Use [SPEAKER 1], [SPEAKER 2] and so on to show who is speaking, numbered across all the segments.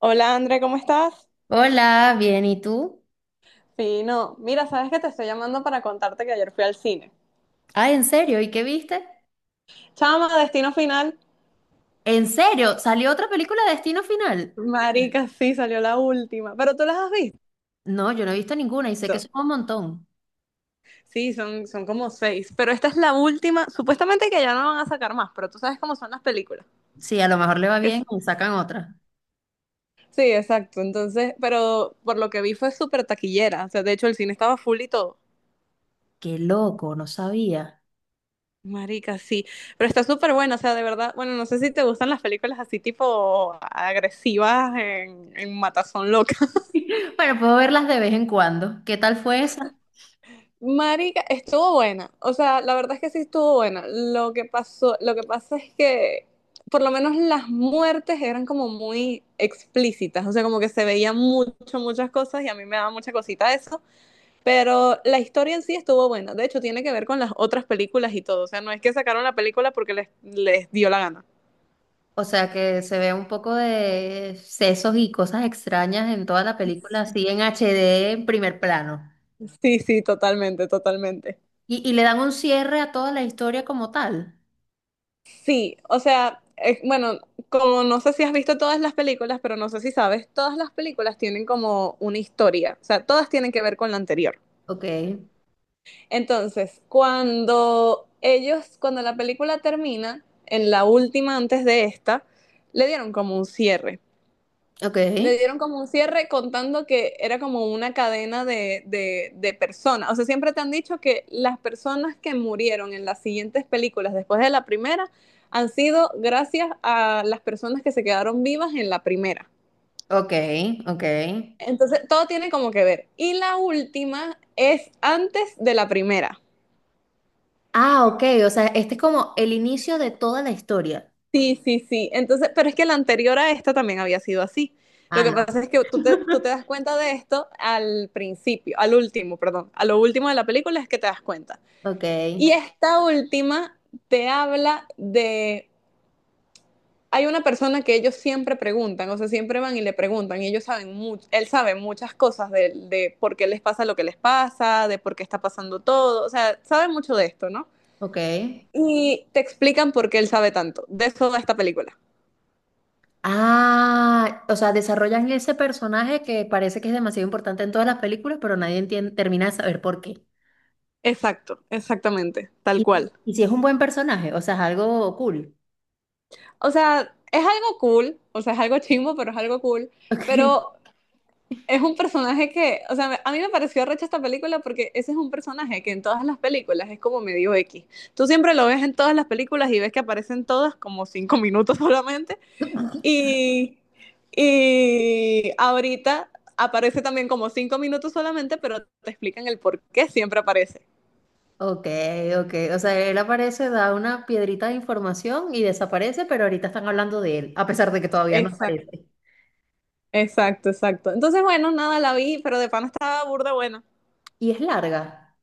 [SPEAKER 1] Hola André, ¿cómo estás?
[SPEAKER 2] Hola, bien, ¿y tú?
[SPEAKER 1] Fino. Mira, sabes que te estoy llamando para contarte que ayer fui al cine.
[SPEAKER 2] Ah, ¿en serio? ¿Y qué viste?
[SPEAKER 1] Chama, Destino Final.
[SPEAKER 2] ¿En serio? ¿Salió otra película de Destino Final?
[SPEAKER 1] Marica, sí, salió la última. Pero tú las has visto.
[SPEAKER 2] No, yo no he visto ninguna y sé que son un montón.
[SPEAKER 1] Sí, son como seis. Pero esta es la última. Supuestamente que ya no van a sacar más, pero tú sabes cómo son las películas.
[SPEAKER 2] Sí, a lo mejor le va bien
[SPEAKER 1] Es-
[SPEAKER 2] y sacan otra.
[SPEAKER 1] Sí, exacto. Entonces, pero por lo que vi fue súper taquillera. O sea, de hecho, el cine estaba full y todo.
[SPEAKER 2] Qué loco, no sabía.
[SPEAKER 1] Marica, sí. Pero está súper buena. O sea, de verdad, bueno, no sé si te gustan las películas así tipo agresivas en Matazón Loca.
[SPEAKER 2] Bueno, puedo verlas de vez en cuando. ¿Qué tal fue esa?
[SPEAKER 1] Marica, estuvo buena. O sea, la verdad es que sí estuvo buena. Lo que pasa es que por lo menos las muertes eran como muy explícitas. O sea, como que se veían mucho, muchas cosas y a mí me daba mucha cosita eso. Pero la historia en sí estuvo buena. De hecho, tiene que ver con las otras películas y todo. O sea, no es que sacaron la película porque les dio la gana.
[SPEAKER 2] O sea, que se ve un poco de sesos y cosas extrañas en toda la película, así en HD, en primer plano.
[SPEAKER 1] Sí, sí, totalmente, totalmente.
[SPEAKER 2] Y le dan un cierre a toda la historia como tal.
[SPEAKER 1] Sí, o sea, bueno, como no sé si has visto todas las películas, pero no sé si sabes, todas las películas tienen como una historia, o sea, todas tienen que ver con la anterior.
[SPEAKER 2] Ok,
[SPEAKER 1] Entonces, cuando la película termina, en la última antes de esta, le dieron como un cierre
[SPEAKER 2] ok,
[SPEAKER 1] le dieron como un cierre contando que era como una cadena de personas. O sea, siempre te han dicho que las personas que murieron en las siguientes películas después de la primera han sido gracias a las personas que se quedaron vivas en la primera.
[SPEAKER 2] ok, ok.
[SPEAKER 1] Entonces, todo tiene como que ver. Y la última es antes de la primera.
[SPEAKER 2] Ah, ok, o sea, este es como el inicio de toda la historia.
[SPEAKER 1] Sí, sí, sí. Entonces, pero es que la anterior a esta también había sido así. Lo
[SPEAKER 2] Ah,
[SPEAKER 1] que
[SPEAKER 2] no,
[SPEAKER 1] pasa es que tú te das cuenta de esto al último, perdón, a lo último de la película es que te das cuenta.
[SPEAKER 2] ok,
[SPEAKER 1] Y esta última te habla de, hay una persona que ellos siempre preguntan, o sea, siempre van y le preguntan, y ellos saben mucho, él sabe muchas cosas de por qué les pasa lo que les pasa, de por qué está pasando todo, o sea, sabe mucho de esto, ¿no?
[SPEAKER 2] ok.
[SPEAKER 1] Y te explican por qué él sabe tanto. De eso va esta película.
[SPEAKER 2] Ah, o sea, desarrollan ese personaje que parece que es demasiado importante en todas las películas, pero nadie entiende, termina de saber por qué.
[SPEAKER 1] Exacto, exactamente, tal
[SPEAKER 2] Y,
[SPEAKER 1] cual.
[SPEAKER 2] y si es un buen personaje, o sea, es algo cool.
[SPEAKER 1] O sea, es algo cool, o sea, es algo chimbo, pero es algo cool. Pero es un personaje que, o sea, a mí me pareció recha esta película porque ese es un personaje que en todas las películas es como medio X. Tú siempre lo ves en todas las películas y ves que aparecen todas como 5 minutos solamente. Y, y ahorita aparece también como 5 minutos solamente, pero te explican el por qué siempre aparece.
[SPEAKER 2] Ok, ok, ok. O sea, él aparece, da una piedrita de información y desaparece, pero ahorita están hablando de él, a pesar de que todavía no aparece.
[SPEAKER 1] Exacto, exacto. Entonces, bueno, nada, la vi, pero de pana estaba burda buena.
[SPEAKER 2] Y es larga.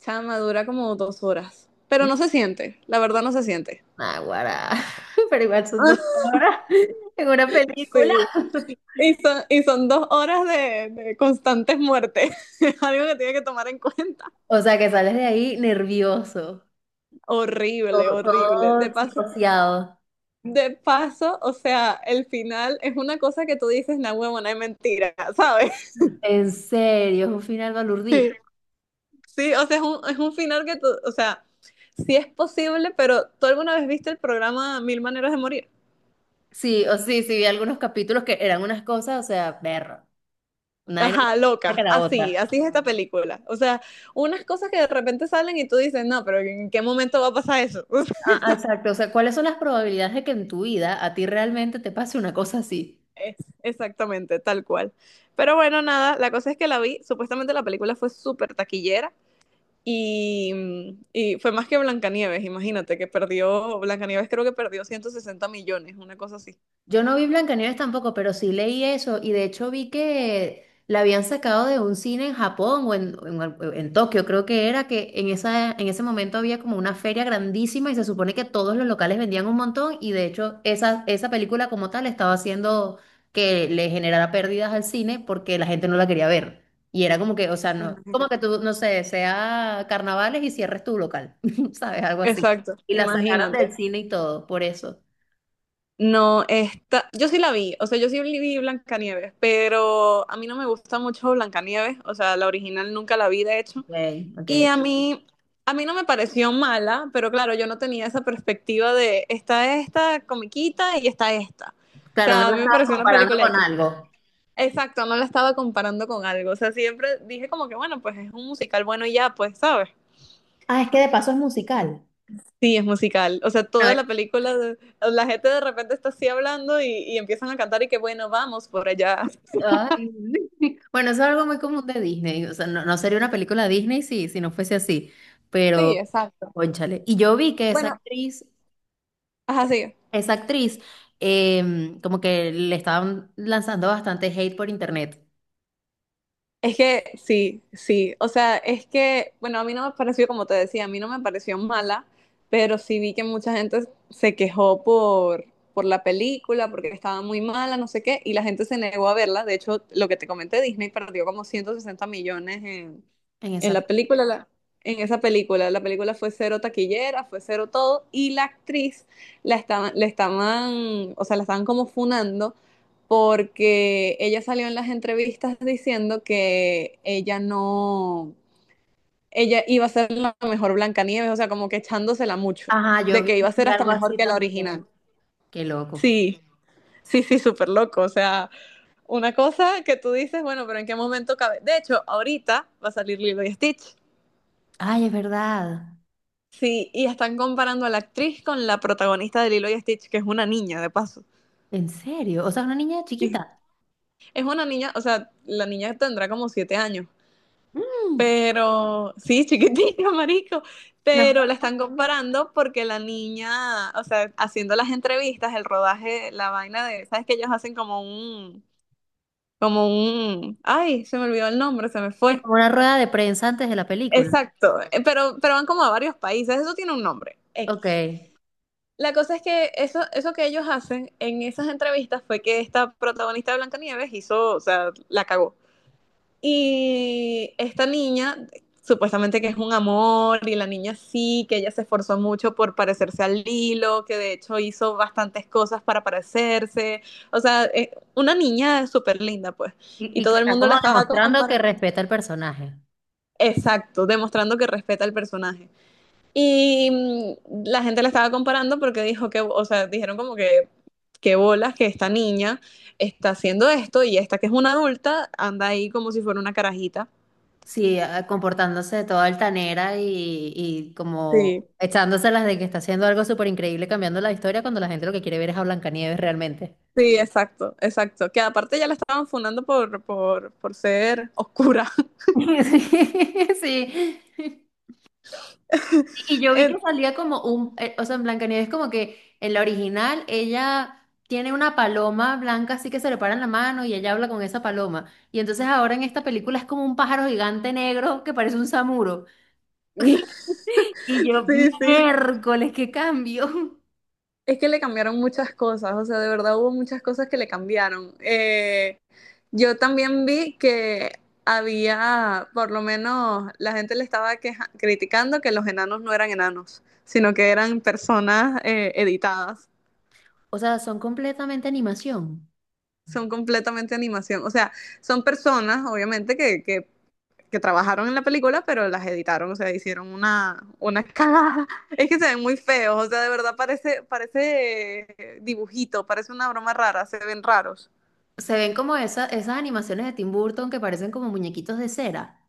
[SPEAKER 1] Chama, dura como 2 horas. Pero no se siente, la verdad no se siente.
[SPEAKER 2] Naguará. Pero igual son dos horas en una película.
[SPEAKER 1] Sí. Y son 2 horas de constantes muertes. Es algo que tiene que tomar en cuenta.
[SPEAKER 2] O sea que sales de ahí nervioso,
[SPEAKER 1] Horrible,
[SPEAKER 2] todo,
[SPEAKER 1] horrible.
[SPEAKER 2] todo psicoseado.
[SPEAKER 1] De paso, o sea, el final es una cosa que tú dices, na huevona, es mentira, ¿sabes?
[SPEAKER 2] En serio, es un final
[SPEAKER 1] Sí,
[SPEAKER 2] balurdito.
[SPEAKER 1] sí, o sea, es un final que tú, o sea, sí es posible, pero ¿tú alguna vez viste el programa Mil Maneras de Morir?
[SPEAKER 2] Sí, o sí, sí, vi algunos capítulos que eran unas cosas, o sea, perro, una vaina más
[SPEAKER 1] Ajá,
[SPEAKER 2] chiquita que
[SPEAKER 1] loca,
[SPEAKER 2] la
[SPEAKER 1] así,
[SPEAKER 2] otra.
[SPEAKER 1] así es esta película. O sea, unas cosas que de repente salen y tú dices, no, pero ¿en qué momento va a pasar eso?
[SPEAKER 2] Ah, ah, exacto, o sea, ¿cuáles son las probabilidades de que en tu vida a ti realmente te pase una cosa así?
[SPEAKER 1] Es- Exactamente, tal cual. Pero bueno, nada, la cosa es que la vi, supuestamente la película fue súper taquillera y, y fue más que Blancanieves, imagínate, que perdió, Blancanieves creo que perdió 160 millones, una cosa así.
[SPEAKER 2] Yo no vi Blancanieves tampoco, pero sí leí eso y de hecho vi que la habían sacado de un cine en Japón o en en Tokio, creo que era, que en esa, en ese momento había como una feria grandísima y se supone que todos los locales vendían un montón y de hecho esa, esa película como tal estaba haciendo que le generara pérdidas al cine porque la gente no la quería ver. Y era como que, o sea, no, como que
[SPEAKER 1] Imagínate.
[SPEAKER 2] tú, no sé, sea carnavales y cierres tu local, ¿sabes? Algo así.
[SPEAKER 1] Exacto,
[SPEAKER 2] Y la sacaron del
[SPEAKER 1] imagínate.
[SPEAKER 2] cine y todo, por eso.
[SPEAKER 1] No, esta, yo sí la vi, o sea, yo sí vi Blancanieves, pero a mí no me gusta mucho Blancanieves, o sea, la original nunca la vi, de hecho,
[SPEAKER 2] Ok, ok.
[SPEAKER 1] y a mí, a mí no me pareció mala, pero claro, yo no tenía esa perspectiva de está esta comiquita y está esta. O
[SPEAKER 2] Claro, no
[SPEAKER 1] sea, a
[SPEAKER 2] la
[SPEAKER 1] mí me
[SPEAKER 2] estabas
[SPEAKER 1] pareció una
[SPEAKER 2] comparando
[SPEAKER 1] película
[SPEAKER 2] con algo.
[SPEAKER 1] exacto, no la estaba comparando con algo, o sea, siempre dije como que, bueno, pues es un musical bueno y ya, pues, ¿sabes?
[SPEAKER 2] Ah, es que de paso es musical.
[SPEAKER 1] Sí, es musical. O sea,
[SPEAKER 2] A
[SPEAKER 1] toda la
[SPEAKER 2] ver,
[SPEAKER 1] película, la gente de repente está así hablando y empiezan a cantar y que bueno, vamos por allá.
[SPEAKER 2] ay, bueno, eso es algo muy común de Disney. O sea, no, no sería una película Disney si, si no fuese así.
[SPEAKER 1] Sí,
[SPEAKER 2] Pero,
[SPEAKER 1] exacto.
[SPEAKER 2] cónchale. Y yo vi que
[SPEAKER 1] Bueno, ajá, sí.
[SPEAKER 2] esa actriz, como que le estaban lanzando bastante hate por internet
[SPEAKER 1] Es que sí, sí. O sea, es que, bueno, a mí no me pareció, como te decía, a mí no me pareció mala, pero sí vi que mucha gente se quejó por la película, porque estaba muy mala, no sé qué, y la gente se negó a verla. De hecho, lo que te comenté, Disney perdió como 160 millones en,
[SPEAKER 2] en
[SPEAKER 1] En la
[SPEAKER 2] esa.
[SPEAKER 1] película, en esa película, la película fue cero taquillera, fue cero todo, y la actriz la estaban, le estaban, o sea, la estaban como funando porque ella salió en las entrevistas diciendo que ella no, ella iba a ser la mejor Blancanieves, o sea, como que echándosela mucho,
[SPEAKER 2] Ajá, yo
[SPEAKER 1] de que iba a
[SPEAKER 2] vi
[SPEAKER 1] ser hasta
[SPEAKER 2] algo
[SPEAKER 1] mejor
[SPEAKER 2] así
[SPEAKER 1] que la original.
[SPEAKER 2] también. Qué loco.
[SPEAKER 1] Sí, sí, sí, súper loco, o sea, una cosa que tú dices, bueno, pero ¿en qué momento cabe? De hecho, ahorita va a salir Lilo y Stitch.
[SPEAKER 2] Ay, es verdad.
[SPEAKER 1] Sí, y están comparando a la actriz con la protagonista de Lilo y Stitch, que es una niña, de paso.
[SPEAKER 2] En serio. O sea, una niña
[SPEAKER 1] Sí,
[SPEAKER 2] chiquita.
[SPEAKER 1] es una niña, o sea, la niña tendrá como 7 años,
[SPEAKER 2] Mm,
[SPEAKER 1] pero sí, chiquitita, marico,
[SPEAKER 2] no,
[SPEAKER 1] pero la están comparando porque la niña, o sea, haciendo las entrevistas, el rodaje, la vaina de, ¿sabes que ellos hacen como un, ay, se me olvidó el nombre, se me
[SPEAKER 2] así
[SPEAKER 1] fue.
[SPEAKER 2] como una rueda de prensa antes de la película.
[SPEAKER 1] Exacto, pero van como a varios países, eso tiene un nombre,
[SPEAKER 2] Ok.
[SPEAKER 1] X. La cosa es que eso que ellos hacen en esas entrevistas fue que esta protagonista de Blancanieves hizo, o sea, la cagó. Y esta niña, supuestamente que es un amor, y la niña sí, que ella se esforzó mucho por parecerse al Lilo, que de hecho hizo bastantes cosas para parecerse. O sea, es una niña súper linda, pues. Y
[SPEAKER 2] Y que
[SPEAKER 1] todo el
[SPEAKER 2] está
[SPEAKER 1] mundo
[SPEAKER 2] como
[SPEAKER 1] la estaba
[SPEAKER 2] demostrando que
[SPEAKER 1] comparando.
[SPEAKER 2] respeta el personaje.
[SPEAKER 1] Exacto, demostrando que respeta al personaje. Y la gente la estaba comparando porque dijo que, o sea, dijeron como que, qué bolas que esta niña está haciendo esto y esta que es una adulta anda ahí como si fuera una carajita.
[SPEAKER 2] Sí, ah, comportándose de toda altanera y como
[SPEAKER 1] Sí.
[SPEAKER 2] echándoselas de que está haciendo algo súper increíble cambiando la historia cuando la gente lo que quiere ver es a Blancanieves realmente.
[SPEAKER 1] Sí, exacto, exacto. Que aparte ya la estaban funando por ser oscura.
[SPEAKER 2] Sí, sí. Y yo vi que
[SPEAKER 1] En-
[SPEAKER 2] salía como un, o sea, en Blancanieves como que en la original ella tiene una paloma blanca así que se le para en la mano y ella habla con esa paloma. Y entonces ahora en esta película es como un pájaro gigante negro que parece un samuro. Y yo,
[SPEAKER 1] Sí, sí.
[SPEAKER 2] miércoles, qué cambio.
[SPEAKER 1] Es que le cambiaron muchas cosas, o sea, de verdad hubo muchas cosas que le cambiaron. Yo también vi que había, por lo menos, la gente le estaba criticando que los enanos no eran enanos, sino que eran personas editadas.
[SPEAKER 2] O sea, son completamente animación.
[SPEAKER 1] Son completamente animación, o sea, son personas, obviamente, que que trabajaron en la película, pero las editaron, o sea, hicieron una cagada. Es que se ven muy feos, o sea, de verdad parece, parece dibujito, parece una broma rara, se ven raros.
[SPEAKER 2] Se ven como esas animaciones de Tim Burton que parecen como muñequitos de cera.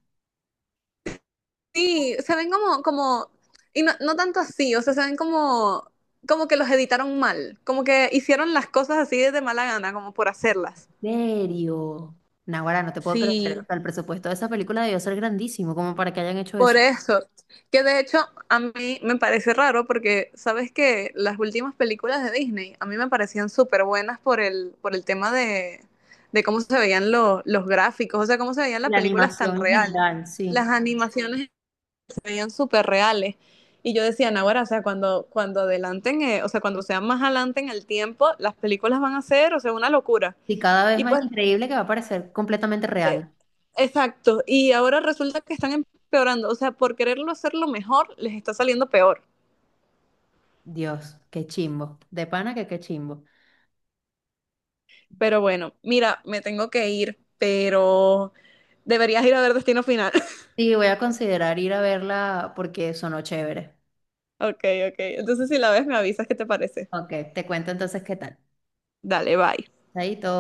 [SPEAKER 1] Sí, se ven como, como, y no, no tanto así, o sea, se ven como, como que los editaron mal, como que hicieron las cosas así de mala gana, como por hacerlas.
[SPEAKER 2] ¿En serio? Naguará, no te puedo creer. O
[SPEAKER 1] Sí,
[SPEAKER 2] sea, el presupuesto de esa película debió ser grandísimo como para que hayan hecho
[SPEAKER 1] por
[SPEAKER 2] eso.
[SPEAKER 1] eso, que de hecho a mí me parece raro porque sabes que las últimas películas de Disney a mí me parecían súper buenas por el tema de cómo se veían los gráficos, o sea, cómo se veían las
[SPEAKER 2] La
[SPEAKER 1] películas tan
[SPEAKER 2] animación en
[SPEAKER 1] reales.
[SPEAKER 2] general,
[SPEAKER 1] Las
[SPEAKER 2] sí.
[SPEAKER 1] animaciones se veían súper reales. Y yo decía, "No, ahora, o sea, cuando adelanten, o sea, cuando sean más adelante en el tiempo, las películas van a ser, o sea, una locura.
[SPEAKER 2] Y cada vez
[SPEAKER 1] Y
[SPEAKER 2] más
[SPEAKER 1] pues,
[SPEAKER 2] increíble que va a parecer completamente
[SPEAKER 1] eh,
[SPEAKER 2] real.
[SPEAKER 1] exacto, y ahora resulta que están empeorando, o sea, por quererlo hacerlo mejor, les está saliendo peor.
[SPEAKER 2] Dios, qué chimbo. De pana que qué chimbo.
[SPEAKER 1] Pero bueno, mira, me tengo que ir, pero deberías ir a ver Destino Final.
[SPEAKER 2] Sí, voy a considerar ir a verla porque sonó chévere.
[SPEAKER 1] Ok, ok, entonces si la ves me avisas qué te parece.
[SPEAKER 2] Ok, te cuento entonces qué tal.
[SPEAKER 1] Dale, bye.
[SPEAKER 2] Chaito.